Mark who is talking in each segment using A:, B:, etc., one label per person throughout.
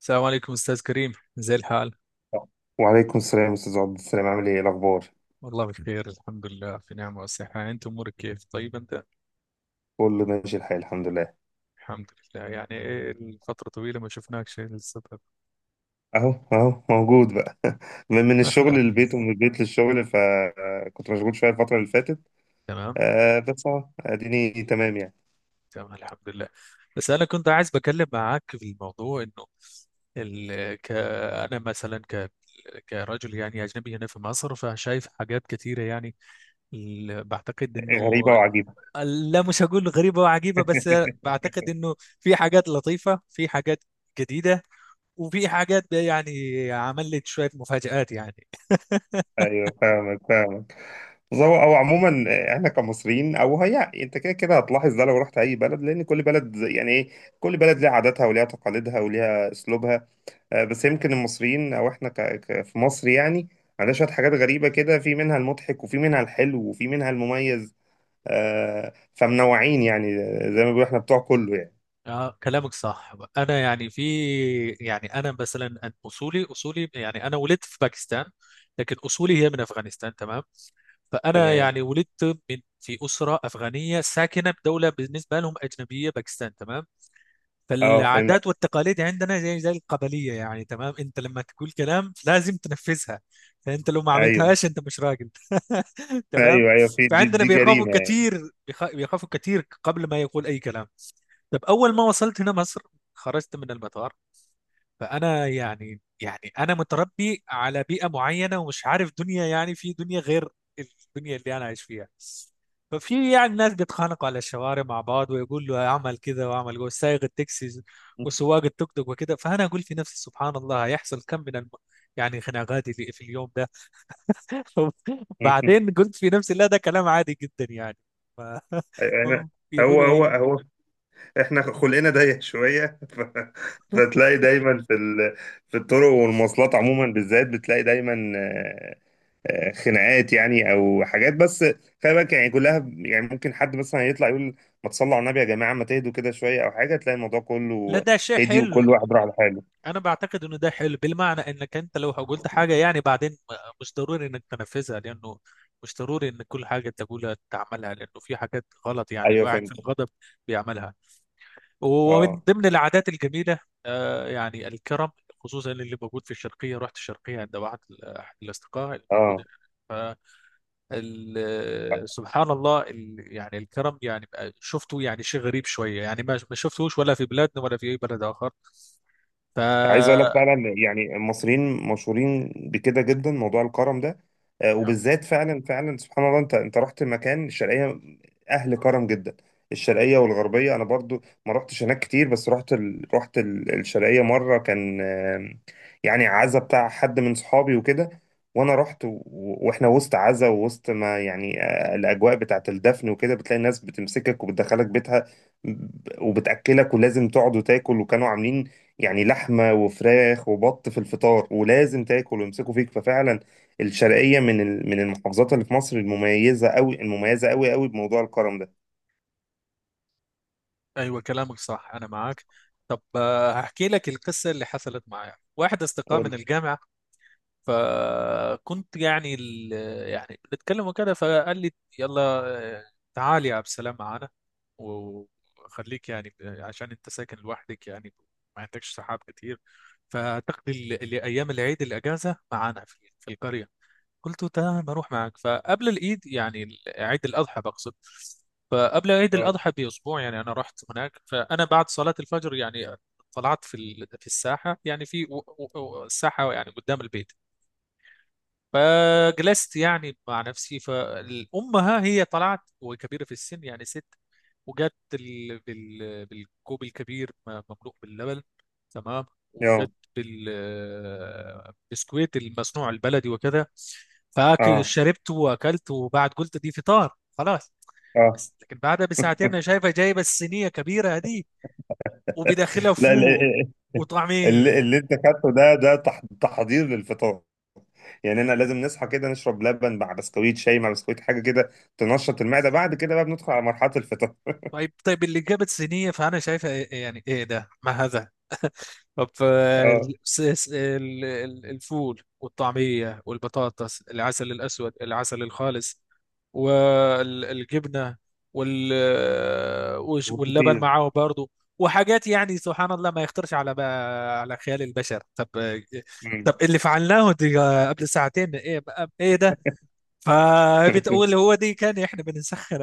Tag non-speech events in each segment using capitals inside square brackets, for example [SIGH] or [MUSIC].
A: السلام عليكم أستاذ كريم، زي الحال؟
B: وعليكم السلام استاذ عبد السلام، عامل ايه؟ إيه الاخبار؟
A: والله بخير، الحمد لله، في نعمة وصحة. أنت أمورك كيف؟ طيب أنت؟
B: كله ماشي الحال الحمد لله.
A: الحمد لله. يعني إيه الفترة طويلة ما شفناكش للسبب.
B: اهو موجود بقى. من الشغل
A: [LAUGHS]
B: للبيت ومن البيت للشغل، فكنت مشغول شويه الفتره اللي فاتت.
A: تمام.
B: آه بس اهو اديني تمام يعني.
A: تمام الحمد لله. بس أنا كنت عايز بكلم معاك في الموضوع إنه أنا مثلا كرجل يعني أجنبي هنا في مصر، فشايف حاجات كتيرة يعني. بعتقد إنه
B: غريبه وعجيبه.
A: لا، مش هقول غريبة وعجيبة، بس
B: [LAUGHS]
A: بعتقد إنه في حاجات لطيفة، في حاجات جديدة، وفي حاجات ده يعني عملت شوية مفاجآت يعني.
B: ايوه فاهمك. بس هو او عموما، احنا كمصريين، او هي انت كده كده هتلاحظ ده لو رحت اي بلد، لان كل بلد زي- يعني ايه كل بلد ليها عاداتها وليها تقاليدها وليها اسلوبها. بس يمكن المصريين او احنا في مصر يعني، عندنا شويه حاجات غريبه كده، في منها المضحك وفي منها الحلو وفي منها المميز. فمنوعين يعني، زي ما بيقولوا احنا بتوع كله يعني.
A: اه، كلامك صح، انا يعني في. يعني انا مثلا اصولي اصولي يعني انا ولدت في باكستان، لكن اصولي هي من افغانستان. تمام. فانا
B: تمام.
A: يعني ولدت من في اسره افغانيه ساكنه بدوله بالنسبه لهم اجنبيه، باكستان. تمام.
B: اه فهمت.
A: فالعادات والتقاليد يعني عندنا زي القبلية، يعني تمام، انت لما تقول كلام لازم تنفذها. فانت لو ما
B: ايوه
A: عملتهاش انت مش راجل. [LAUGHS] تمام.
B: ايوه ايوه في دي،
A: فعندنا بيخافوا
B: جريمه يعني.
A: كتير. بيخافوا كتير قبل ما يقول اي كلام. طب اول ما وصلت هنا مصر، خرجت من المطار، فانا يعني انا متربي على بيئه معينه، ومش عارف دنيا، يعني في دنيا غير الدنيا اللي انا عايش فيها. ففي يعني ناس بيتخانقوا على الشوارع مع بعض، ويقول له اعمل كذا واعمل جوه، سايق التاكسي
B: [LAUGHS]
A: وسواق التوك توك وكده. فانا اقول في نفسي سبحان الله، هيحصل كم من يعني خناقات اللي في اليوم ده. [LAUGHS] بعدين قلت في نفسي لا، ده كلام عادي جدا يعني. ف...
B: احنا.
A: [LAUGHS]
B: هو
A: يقولوا
B: هو
A: ايه.
B: هو احنا خلقنا ضيق شويه. [LAUGHS] فتلاقي دايما في الطرق والمواصلات عموما، بالذات بتلاقي دايما خناقات يعني او حاجات، بس خلي بالك يعني كلها يعني ممكن حد مثلا يطلع يقول ما تصلوا على النبي يا جماعه، ما تهدوا كده شويه او حاجه، تلاقي الموضوع
A: لا،
B: كله
A: ده شيء
B: هدي وكل
A: حلو.
B: واحد راح لحاله.
A: انا بعتقد انه ده حلو بالمعنى انك انت لو قلت حاجه يعني بعدين مش ضروري انك تنفذها، لانه مش ضروري ان كل حاجه تقولها تعملها، لانه في حاجات غلط يعني
B: ايوه
A: الواحد في
B: فهمت.
A: الغضب بيعملها. ومن
B: اه
A: ضمن العادات الجميله يعني الكرم، خصوصا اللي موجود في الشرقيه. رحت الشرقيه عند واحد احد الاصدقاء الموجود.
B: اه.
A: ف سبحان الله، يعني الكرم يعني شفته يعني شيء غريب شويه يعني ما شفتهوش ولا في بلادنا ولا في اي بلد اخر. ف
B: عايز اقول لك فعلا يعني المصريين مشهورين بكده جدا، موضوع الكرم ده. وبالذات فعلا فعلا سبحان الله، انت رحت مكان الشرقيه، اهل كرم جدا. الشرقيه والغربيه انا برضو ما رحتش هناك كتير، بس رحت الشرقيه مره، كان يعني عزا بتاع حد من صحابي وكده، وانا رحت واحنا وسط عزا ووسط ما يعني الاجواء بتاعت الدفن وكده، بتلاقي الناس بتمسكك وبتدخلك بيتها، وبتاكلك ولازم تقعد وتاكل، وكانوا عاملين يعني لحمة وفراخ وبط في الفطار، ولازم تاكل ويمسكوا فيك. ففعلا الشرقية من من المحافظات اللي في مصر المميزة قوي، المميزة قوي قوي بموضوع الكرم ده.
A: ايوه كلامك صح، انا معاك. طب، هحكي لك القصه اللي حصلت معايا. واحد اصدقاء
B: قول.
A: من الجامعه، فكنت يعني يعني بنتكلم وكده، فقال لي يلا، تعال يا عبد السلام معانا، وخليك يعني عشان انت ساكن لوحدك يعني ما عندكش صحاب كتير، فتقضي ايام العيد الاجازه معانا في القريه. قلت له تمام، بروح معك. فقبل العيد يعني عيد الأضحى بقصد، فقبل عيد
B: اه
A: الأضحى بأسبوع يعني أنا رحت هناك. فأنا بعد صلاة الفجر يعني طلعت في في الساحة، يعني في الساحة يعني قدام البيت، فجلست يعني مع نفسي. فأمها هي طلعت، وكبيرة في السن يعني ست، وجت بالكوب الكبير مملوء باللبن. تمام. وجت
B: اه
A: بالبسكويت المصنوع البلدي وكذا، فاكل
B: اه
A: شربت واكلت، وبعد قلت دي فطار خلاص.
B: اه.
A: بس لكن بعدها بساعتين انا شايفه جايبه الصينيه كبيره دي،
B: [LAUGHS]
A: وبداخلها
B: لا
A: فول
B: اللي,
A: وطعميه.
B: اللي انت خدته ده تحضير للفطار، يعني انا لازم نصحى كده نشرب لبن مع بسكويت، شاي مع بسكويت، حاجة كده تنشط المعدة، بعد كده بقى بندخل على مرحلة الفطار.
A: طيب طيب اللي جابت صينيه، فانا شايفه إيه، يعني ايه ده، ما هذا؟ طب
B: اه
A: الفول والطعمية والبطاطس، العسل الأسود، العسل الخالص، والجبنة، وال آه، وش- واللبن
B: وكتير.
A: معاه برضه، وحاجات يعني سبحان الله ما يخطرش على على خيال البشر. طب
B: مم.
A: طب اللي فعلناه دي قبل ساعتين، ايه ايه ده؟ فبتقول هو دي كان احنا بنسخن.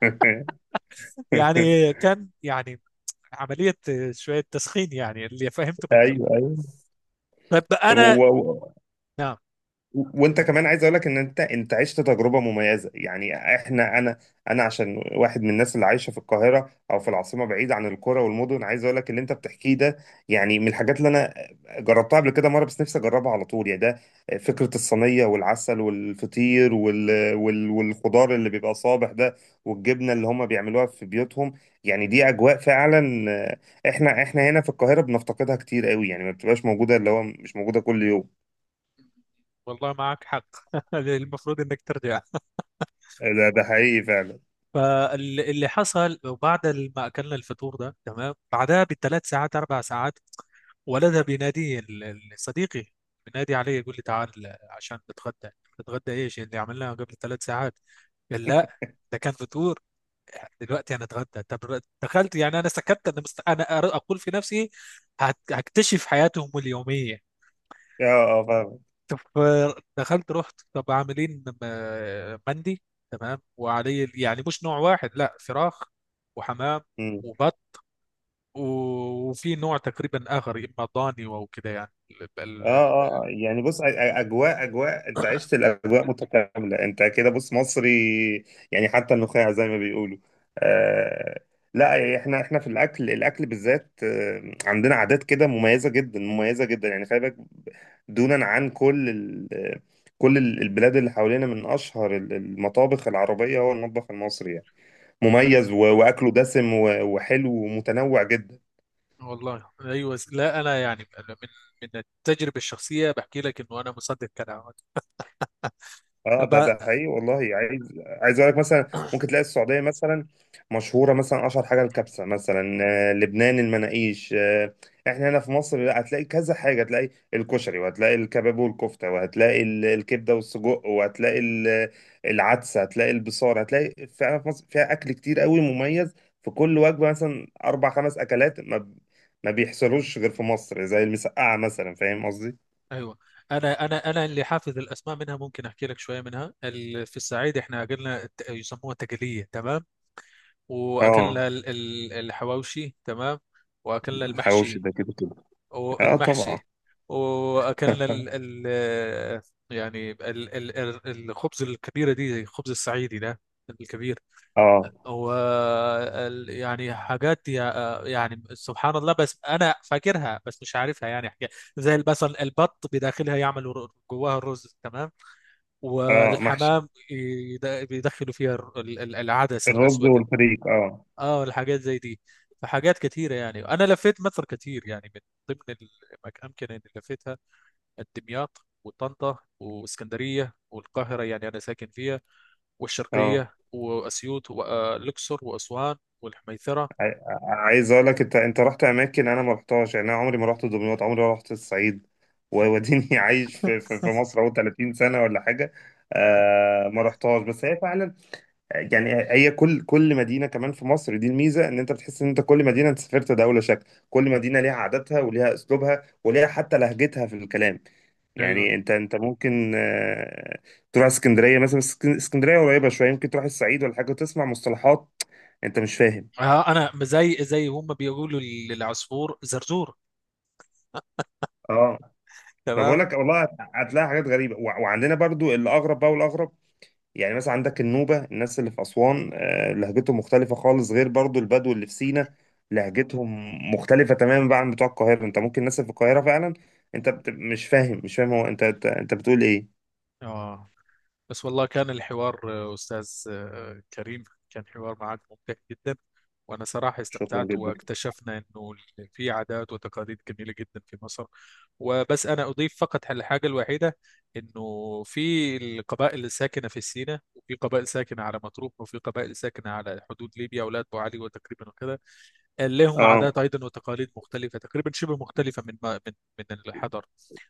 B: [LAUGHS]
A: [LAUGHS] يعني كان يعني عملية شوية تسخين يعني اللي فهمته من كلامك.
B: ايوه
A: طب انا.
B: ايوه.
A: نعم.
B: وانت كمان عايز اقول لك ان انت عشت تجربه مميزه يعني. احنا انا عشان واحد من الناس اللي عايشه في القاهره او في العاصمه بعيد عن القرى والمدن، عايز اقول لك اللي انت بتحكيه ده يعني من الحاجات اللي انا جربتها قبل كده مره، بس نفسي اجربها على طول يعني. ده فكره الصينيه والعسل والفطير والخضار اللي بيبقى صابح ده، والجبنه اللي هم بيعملوها في بيوتهم، يعني دي اجواء فعلا. احنا احنا هنا في القاهره بنفتقدها كتير قوي يعني، ما بتبقاش موجوده، اللي هو مش موجوده كل يوم.
A: والله معك حق. [LAUGHS] المفروض انك ترجع.
B: ده ده حقيقي فعلا.
A: فاللي حصل بعد ما اكلنا الفطور ده تمام، بعدها بثلاث ساعات اربع ساعات، ولدها بينادي صديقي، بينادي علي، يقول لي تعال عشان نتغدى. نتغدى؟ ايش اللي عملناه قبل ثلاث ساعات؟ قال لا، ده كان فطور، دلوقتي انا اتغدى. طب دخلت، يعني انا سكت، انا اقول في نفسي هكتشف حياتهم اليوميه.
B: اه اه فاهم.
A: دخلت، رحت، طب عاملين مندي. تمام، وعليه يعني مش نوع واحد، لا، فراخ وحمام
B: مم.
A: وبط، وفي نوع تقريبا اخر، اما ضاني او كده، يعني
B: اه اه يعني بص اجواء، اجواء انت عشت الاجواء متكامله. انت كده بص مصري يعني حتى النخاع زي ما بيقولوا. آه لا احنا، احنا في الاكل، الاكل بالذات عندنا عادات كده مميزه جدا، مميزه جدا يعني. خلي بالك دونا عن كل كل البلاد اللي حوالينا، من اشهر المطابخ العربيه هو المطبخ المصري يعني، مميز واكله دسم وحلو ومتنوع جدا.
A: والله ايوه لا انا، يعني أنا من من التجربه الشخصيه بحكي لك انه انا مصدق كلامك.
B: اه ده
A: ب-
B: ده حقيقي والله. عايز، عايز اقول لك مثلا ممكن
A: [COUGHS]
B: تلاقي السعوديه مثلا مشهوره مثلا اشهر حاجه الكبسه مثلا، لبنان المناقيش. احنا هنا في مصر لا، هتلاقي كذا حاجه، هتلاقي الكشري وهتلاقي الكباب والكفته وهتلاقي الكبده والسجق وهتلاقي العدسه، هتلاقي البصار، هتلاقي فعلا في مصر فيها اكل كتير قوي مميز، في كل وجبه مثلا اربع خمس اكلات، ما بيحصلوش غير في مصر زي المسقعه مثلا، فاهم قصدي؟
A: ايوه. انا اللي حافظ الاسماء منها، ممكن احكي لك شويه منها. في الصعيد احنا قلنا يسموها تقليه، تمام،
B: اه
A: واكلنا الحواوشي، تمام، واكلنا
B: الحواوشي
A: المحشي
B: ده كده كده. اه طبعا.
A: والمحشي، واكلنا ال ال يعني ال ال ال- الخبز الكبيره دي زي الخبز الصعيدي ده الكبير،
B: اه
A: و يعني حاجات يعني سبحان الله، بس انا فاكرها بس مش عارفها، يعني حاجة زي البصل، البط بداخلها يعملوا جواها الرز تمام،
B: اه محشي،
A: والحمام بيدخلوا فيها العدس
B: الرز
A: الاسود.
B: والفريك اه.
A: اه الحاجات زي دي. فحاجات كثيرة، يعني أنا لفيت مصر كثير. يعني من ضمن الأماكن اللي لفيتها دمياط وطنطا واسكندرية والقاهرة، يعني أنا ساكن فيها،
B: اه
A: والشرقية وأسيوط والأقصر وأسوان والحميثرة.
B: عايز اقول لك انت رحت اماكن انا ما رحتهاش يعني. انا عمري ما رحت دمياط، عمري ما رحت الصعيد ووديني. [LAUGHS] عايش في مصر اهو 30 سنه ولا حاجه، آه ما رحتهاش. بس هي فعلا يعني هي كل، كل مدينه كمان في مصر دي الميزه، ان انت بتحس ان انت كل مدينه انت سافرت دوله شكل. كل مدينه ليها عاداتها وليها اسلوبها وليها حتى لهجتها في الكلام.
A: ايوه.
B: يعني انت ممكن تروح اسكندريه مثلا، بس اسكندريه قريبه شويه، يمكن تروح الصعيد ولا حاجه وتسمع مصطلحات انت مش فاهم.
A: آه أنا زي هم بيقولوا للعصفور زرزور،
B: اه. ما
A: تمام.
B: بقولك والله هتلاقي حاجات غريبه وعندنا برضو الاغرب بقى، والاغرب يعني مثلا عندك النوبة، الناس اللي في أسوان لهجتهم مختلفة خالص، غير برضو البدو اللي في سينا لهجتهم مختلفة تماما بقى عن بتوع القاهرة. انت ممكن الناس اللي في القاهرة فعلا انت مش فاهم، مش فاهم هو، انت انت بتقول ايه؟
A: اه. بس والله كان الحوار، أستاذ كريم، كان حوار معك ممتع جدا، وأنا صراحة
B: شكرا
A: استمتعت،
B: جدا.
A: واكتشفنا أنه في عادات وتقاليد جميلة جدا في مصر. وبس أنا أضيف فقط على الحاجة الوحيدة، أنه في القبائل الساكنة في سيناء، وفي قبائل ساكنة على مطروح، وفي قبائل ساكنة على حدود ليبيا ولاة أبو علي، وتقريبا وكذا، لهم
B: اه
A: عادات أيضا وتقاليد مختلفة، تقريبا شبه مختلفة من من الحضر.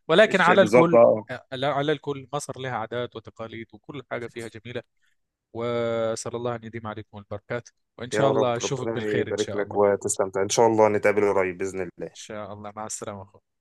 A: ولكن على
B: بالظبط
A: الكل،
B: اه.
A: لا، على الكل مصر لها عادات وتقاليد، وكل حاجة فيها جميلة. وأسأل الله أن يديم عليكم البركات، وإن
B: يا
A: شاء الله
B: رب،
A: أشوفك
B: ربنا
A: بالخير، إن
B: يبارك
A: شاء
B: لك
A: الله.
B: وتستمتع، ان شاء الله نتقابل قريب بإذن
A: إن
B: الله.
A: شاء الله، مع السلامة.